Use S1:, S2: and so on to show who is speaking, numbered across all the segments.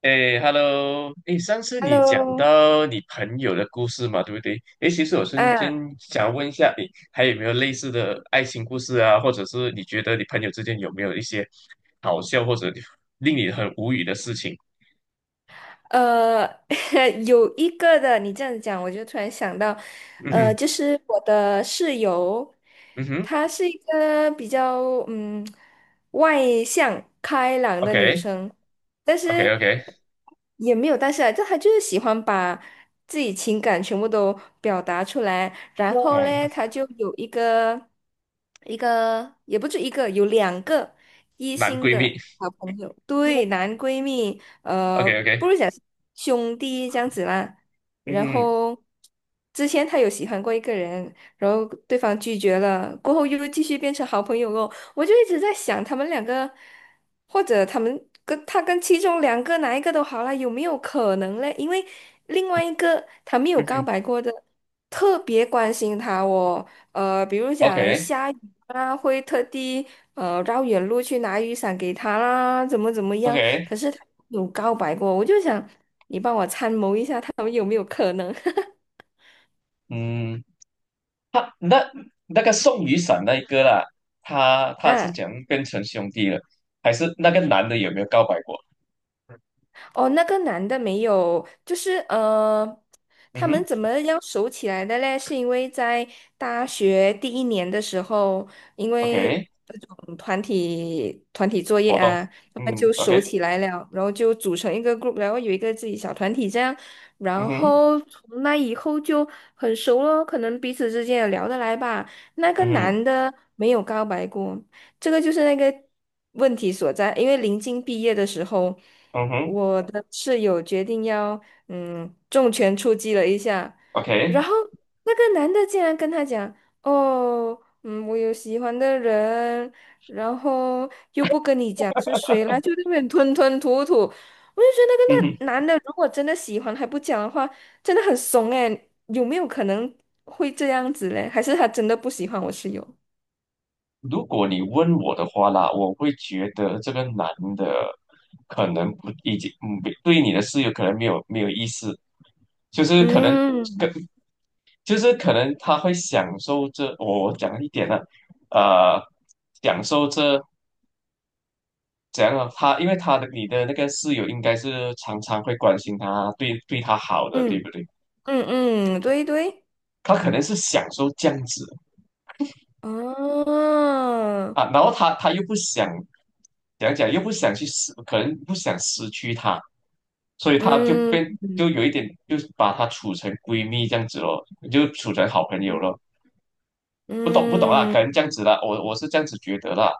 S1: 哎，Hello，哎，上次你讲
S2: Hello，
S1: 到你朋友的故事嘛，对不对？哎，其实我瞬间
S2: 啊，
S1: 想问一下，你还有没有类似的爱情故事啊？或者是你觉得你朋友之间有没有一些好笑或者令你很无语的事情？
S2: 呃，有一个的，你这样讲，我就突然想到，
S1: 嗯哼。
S2: 就是我的室友，
S1: 嗯哼
S2: 她是一个比较嗯外向开朗的女生，但是
S1: ，OK，OK，OK。
S2: 也没有但是啊，就她就是喜欢把自己情感全部都表达出来，然后
S1: 哦，
S2: 嘞，她就有一个也不止一个，有两个一
S1: 男
S2: 心
S1: 闺蜜
S2: 的。好朋友，对，男闺蜜，
S1: ，OK，OK。
S2: 不如讲兄弟这样子啦。
S1: 嗯
S2: 然
S1: 哼。
S2: 后之前他有喜欢过一个人，然后对方拒绝了，过后又继续变成好朋友哦。我就一直在想，他们两个，或者他们跟他跟其中两个哪一个都好啦，有没有可能嘞？因为另外一个他没有
S1: 嗯
S2: 告
S1: 哼
S2: 白过的，特别关心他哦。比如讲
S1: ，OK，OK。
S2: 下雨啦，会特地绕远路去拿雨伞给他啦，怎么怎么样？可是他有告白过，我就想你帮我参谋一下，他们有没有可能？
S1: 嗯。他那那个送雨伞那一个啦，他是
S2: 啊。
S1: 怎样变成兄弟了？还是那个男的有没有告白过？
S2: 哦，那个男的没有，就是
S1: 嗯
S2: 他
S1: 哼
S2: 们怎么样熟起来的嘞？是因为在大学第一年的时候，因为
S1: ，OK。
S2: 那种团体作业
S1: 活动。
S2: 啊，他们
S1: 嗯
S2: 就熟
S1: ，OK。
S2: 起来了，然后就组成一个 group，然后有一个自己小团体这样，
S1: 嗯
S2: 然
S1: 哼。
S2: 后从那以后就很熟了，可能彼此之间也聊得来吧。那个
S1: 嗯哼。
S2: 男的没有告白过，这个就是那个问题所在，因为临近毕业的时候。
S1: 嗯哼
S2: 我的室友决定要重拳出击了一下，
S1: ，OK。
S2: 然后那个男的竟然跟他讲：“哦，嗯，我有喜欢的人，然后又不跟你讲是谁啦，就在那边吞吞吐吐。”我就觉得
S1: 嗯
S2: 那
S1: 哼。
S2: 个那男的如果真的喜欢还不讲的话，真的很怂诶，有没有可能会这样子嘞？还是他真的不喜欢我室友？
S1: 如果你问我的话啦，我会觉得这个男的可能不已经对你的事有可能没有意思，就是可能
S2: 嗯
S1: 跟就是可能他会享受这我讲一点呢、呃，享受这怎样啊？他因为他的你的那个室友应该是常常会关心他，对他好的，对
S2: 嗯
S1: 不对？
S2: 嗯嗯，对对，
S1: 他可能是享受这样子
S2: 哦，
S1: 啊，然后他又不想讲，又不想去失，可能不想失去他，所以他就
S2: 嗯。
S1: 变就有一点，就是把她处成闺蜜这样子咯，就处成好朋友咯。不懂不懂啊，
S2: 嗯，
S1: 可能这样子啦，我是这样子觉得啦。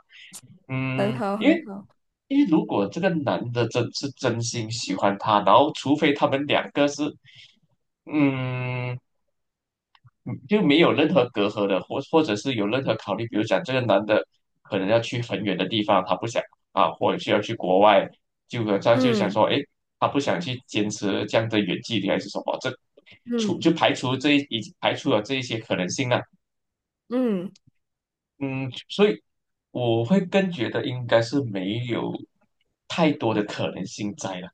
S2: 很
S1: 嗯，
S2: 好，
S1: 因
S2: 很
S1: 为
S2: 好。
S1: 因为如果这个男的真是真心喜欢她，然后除非他们两个是嗯，嗯就没有任何隔阂的，或或者是有任何考虑，比如讲这个男的可能要去很远的地方，他不想啊，或者是要去国外，就他就想
S2: 嗯
S1: 说，哎，他不想去坚持这样的远距离还是什么，这除
S2: 嗯
S1: 就排除这一已排除了这一些可能性了。
S2: 嗯，
S1: 嗯，所以我会更觉得应该是没有太多的可能性在了。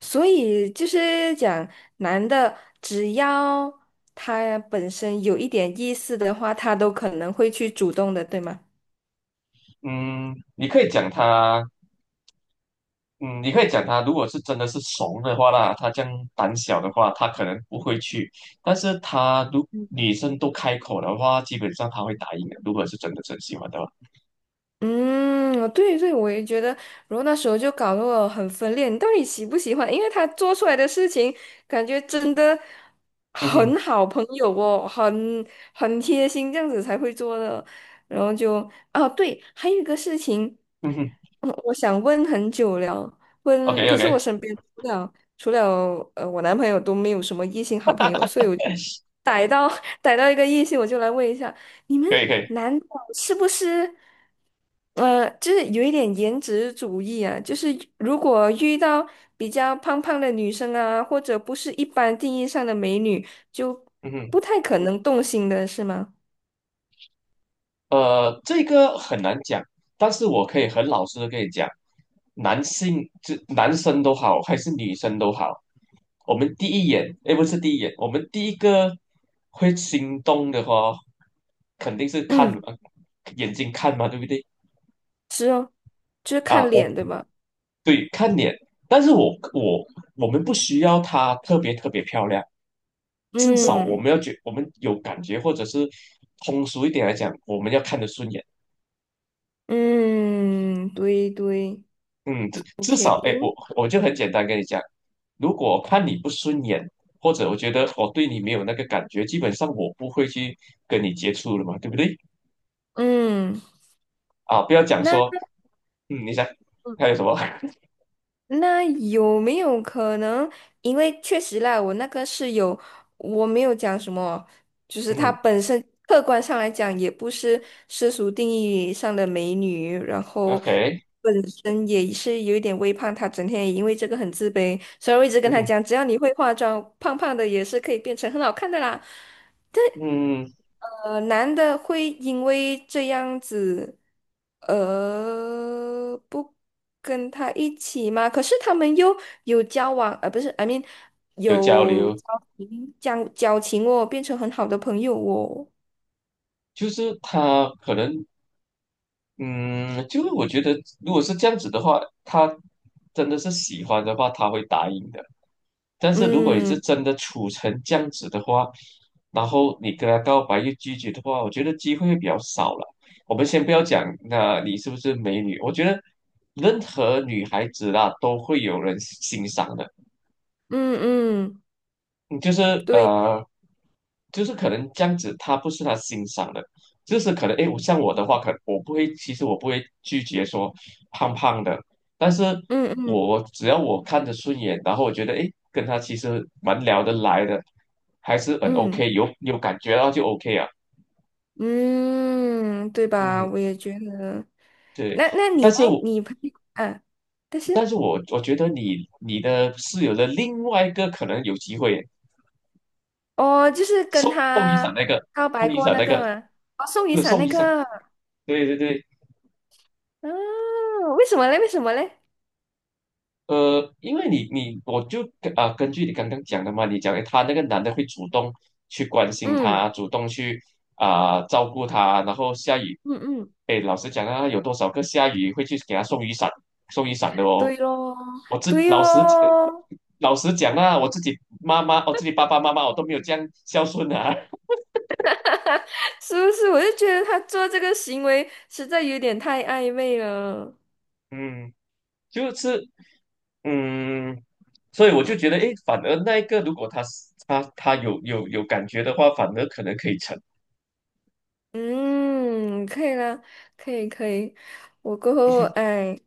S2: 所以就是讲，男的只要他本身有一点意思的话，他都可能会去主动的，对吗？
S1: 嗯，你可以讲他。嗯，你可以讲他，如果是真的是怂的话啦，他这样胆小的话，他可能不会去。但是他如女生都开口的话，基本上他会答应的。如果是真的真喜欢的话，
S2: 嗯，对对，我也觉得，然后那时候就搞得我很分裂，你到底喜不喜欢？因为他做出来的事情，感觉真的
S1: 嗯
S2: 很
S1: 哼。
S2: 好朋友哦，很贴心，这样子才会做的。然后就，啊，对，还有一个事情，
S1: 嗯哼
S2: 我想问很久了，
S1: ，OK
S2: 问，可
S1: OK。
S2: 是我身边除了我男朋友都没有什么异性好朋友，所以我就逮到 逮到一个异性，我就来问一下。你们
S1: 可以可以。
S2: 男的是不是，就是有一点颜值主义啊？就是如果遇到比较胖胖的女生啊，或者不是一般定义上的美女，就
S1: 嗯哼。
S2: 不太可能动心的是吗？
S1: 这个很难讲，但是我可以很老实的跟你讲，男性就男生都好，还是女生都好，我们第一眼，诶，不是第一眼，我们第一个会心动的话，肯定是看
S2: 嗯，
S1: 眼睛看嘛，对不对？
S2: 是哦，就是
S1: 啊，
S2: 看
S1: 我
S2: 脸，对吧？
S1: 对看脸，但是我我们不需要她特别漂亮，至少我
S2: 嗯
S1: 们要觉我们有感觉，或者是通俗一点来讲，我们要看得顺眼。
S2: 嗯，对对，
S1: 嗯，至至少，哎，我就很简单跟你讲，如果我看你不顺眼，或者我觉得我对你没有那个感觉，基本上我不会去跟你接触了嘛，对不对？
S2: 嗯，
S1: 啊，不要讲
S2: 那。
S1: 说，嗯，你想还有什么？
S2: 那有没有可能？因为确实啦，我那个室友，我没有讲什么，就是她
S1: 嗯
S2: 本身客观上来讲，也不是世俗定义上的美女，然后
S1: ，OK。
S2: 本身也是有一点微胖，她整天也因为这个很自卑，所以我一直跟她
S1: 嗯
S2: 讲，只要你会化妆，胖胖的也是可以变成很好看的啦。
S1: 嗯。
S2: 男的会因为这样子，不跟他一起吗？可是他们又有交往，不是，I mean，
S1: 有交
S2: 有
S1: 流，
S2: 交情，交情哦，变成很好的朋友哦。
S1: 就是他可能，嗯，就是我觉得如果是这样子的话，他真的是喜欢的话，他会答应的。但是如果你
S2: 嗯
S1: 是真的处成这样子的话，然后你跟他告白又拒绝的话，我觉得机会会比较少了。我们先不要讲，那你是不是美女？我觉得任何女孩子啦都会有人欣赏的。
S2: 嗯嗯，
S1: 嗯就是
S2: 对，
S1: 呃，就是可能这样子，他不是他欣赏的，就是可能诶，我像我的话，可能我不会，其实我不会拒绝说胖胖的，但是
S2: 嗯嗯
S1: 我只要我看着顺眼，然后我觉得诶，跟他其实蛮聊得来的，还是很
S2: 嗯
S1: OK，有感觉到就 OK 啊，
S2: 嗯，对吧？
S1: 嗯，
S2: 我也觉得。
S1: 对，
S2: 那
S1: 但
S2: 你呢？
S1: 是我
S2: 你朋友啊，但
S1: 但
S2: 是。
S1: 是我觉得你你的室友的另外一个可能有机会
S2: 哦，就是跟
S1: 送雨伞
S2: 他
S1: 那个
S2: 告
S1: 送
S2: 白
S1: 雨
S2: 过
S1: 伞
S2: 那
S1: 那
S2: 个
S1: 个，
S2: 吗？哦，送
S1: 不
S2: 雨
S1: 是
S2: 伞
S1: 送
S2: 那
S1: 雨伞，
S2: 个。
S1: 对对对。
S2: 嗯，为什么嘞？为什么嘞？
S1: 因为你你我就啊、根据你刚刚讲的嘛，你讲诶他那个男的会主动去关心
S2: 嗯
S1: 他，主动去啊、照顾他，然后下雨，
S2: 嗯嗯，
S1: 哎，老实讲啊，有多少个下雨会去给他送雨伞、送雨伞的哦？
S2: 对咯，
S1: 我自
S2: 对
S1: 老实讲
S2: 咯，
S1: 老实讲啊，我自己妈妈，我自己爸爸妈妈，我都没有这样孝顺啊。
S2: 是不是？我就觉得他做这个行为实在有点太暧昧了。
S1: 嗯，就是嗯，所以我就觉得，哎，反而那一个如果他是他有感觉的话，反而可能可以成。
S2: 嗯，可以了，可以可以，我过后哎，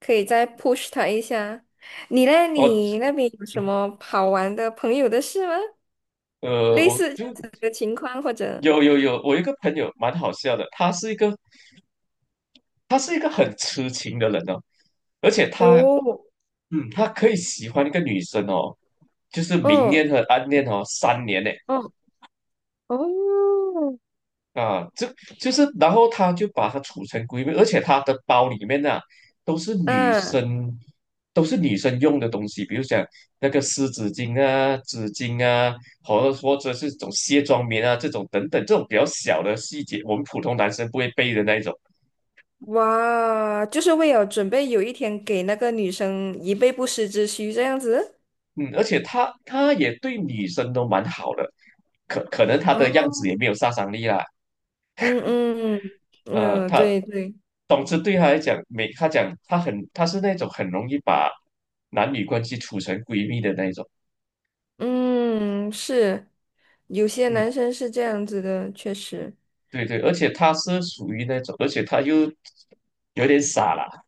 S2: 可以再 push 他一下。你嘞？
S1: 哦，
S2: 你那边有什么好玩的朋友的事吗？类
S1: 我
S2: 似这样
S1: 就
S2: 子的情况或者？
S1: 有，我有一个朋友蛮好笑的，他是一个他是一个很痴情的人哦，而且他
S2: 哦。
S1: 嗯，他可以喜欢一个女生哦，就是明恋
S2: 哦
S1: 和暗恋哦，3年呢。
S2: 哦哦，
S1: 啊，这就是，然后他就把它储成闺蜜，而且他的包里面呢、都是女
S2: 嗯，
S1: 生，都是女生用的东西，比如讲那个湿纸巾啊、纸巾啊，或者是这种卸妆棉啊这种等等，这种比较小的细节，我们普通男生不会背的那一种。
S2: 哇，就是为了准备有一天给那个女生以备不时之需这样子。
S1: 嗯，而且他也对女生都蛮好的，可可能他的样子
S2: 哦，
S1: 也没有杀伤力啦，
S2: 嗯嗯嗯，
S1: 他
S2: 对对，
S1: 总之对他来讲，没他讲他很他是那种很容易把男女关系处成闺蜜的那一种。
S2: 嗯，是，有些
S1: 嗯，
S2: 男生是这样子的，确实，
S1: 对对，而且他是属于那种，而且他又有点傻啦，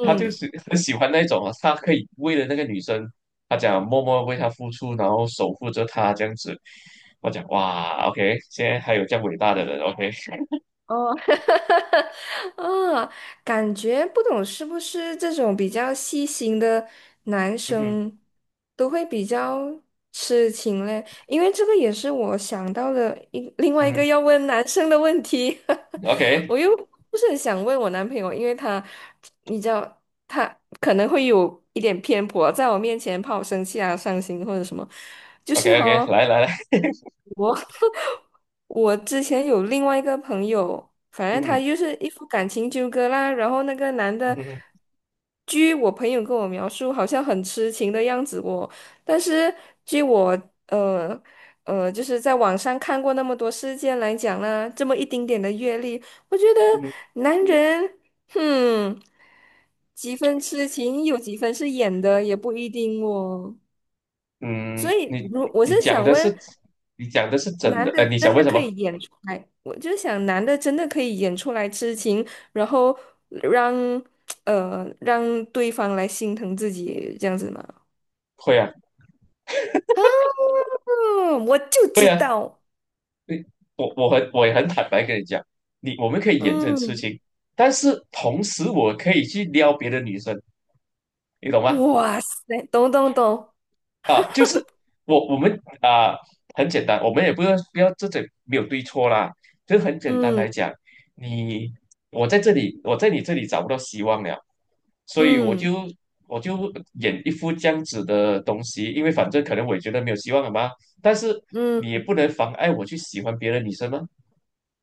S1: 他就是很喜欢那种啊，他可以为了那个女生，他讲默默为她付出，然后守护着她这样子。我讲哇，OK，现在还有这样伟大的人，OK。
S2: 哦，啊，感觉不懂是不是这种比较细心的男
S1: 嗯哼。
S2: 生都会比较痴情嘞？因为这个也是我想到的一另外
S1: 嗯
S2: 一个
S1: 哼
S2: 要问男生的问题，我又不是很想问我男朋友，因为他你知道可能会有一点偏颇，在我面前怕我生气啊、伤心或者什么，就是
S1: ，OK，OK，OK，
S2: 哈。
S1: 来来来。
S2: 我之前有另外一个朋友，反
S1: 嗯
S2: 正他
S1: 哼。
S2: 就是一副感情纠葛啦，然后那个男
S1: 嗯
S2: 的，
S1: 哼。
S2: 据我朋友跟我描述，好像很痴情的样子哦。但是据我呃就是在网上看过那么多事件来讲呢，这么一丁点的阅历，我觉得
S1: 嗯哼。
S2: 男人，哼，几分痴情有几分是演的，也不一定哦。所
S1: 嗯，
S2: 以，如我
S1: 你
S2: 是
S1: 讲
S2: 想
S1: 的
S2: 问，
S1: 是你讲的是真
S2: 男
S1: 的，
S2: 的
S1: 你想
S2: 真
S1: 问
S2: 的
S1: 什
S2: 可
S1: 么？
S2: 以演出来，我就想男的真的可以演出来痴情，然后让让对方来心疼自己这样子吗？
S1: 会啊。
S2: 啊，我就
S1: 会
S2: 知
S1: 啊。
S2: 道，
S1: 你我很我也很坦白跟你讲，你我们可以演这种事
S2: 嗯，
S1: 情，但是同时我可以去撩别的女生，你懂吗？
S2: 哇塞，懂懂懂，
S1: 啊，就是我们啊、很简单，我们也不要这种没有对错啦，就是很简单来
S2: 嗯
S1: 讲，你我在这里我在你这里找不到希望了，所以
S2: 嗯
S1: 我就演一副这样子的东西，因为反正可能我也觉得没有希望了嘛。但是你也
S2: 嗯
S1: 不能妨碍我去喜欢别的女生吗？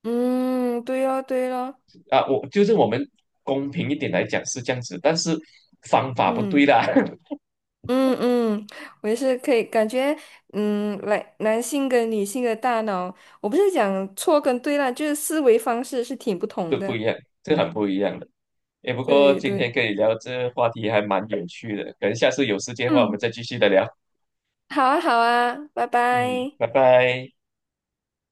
S2: 嗯，对哦对哦，
S1: 啊，我就是我们公平一点来讲是这样子，但是方法不对
S2: 嗯
S1: 啦。
S2: 嗯嗯，我也是可以感觉，嗯，来男性跟女性的大脑，我不是讲错跟对啦，就是思维方式是挺不
S1: 这
S2: 同
S1: 不
S2: 的。
S1: 一样，这很不一样的。哎，不过
S2: 对
S1: 今
S2: 对，
S1: 天跟你聊这话题还蛮有趣的，可能下次有时间的话我们
S2: 嗯，
S1: 再继续的聊。
S2: 好啊好啊，拜
S1: 嗯，
S2: 拜。
S1: 拜拜。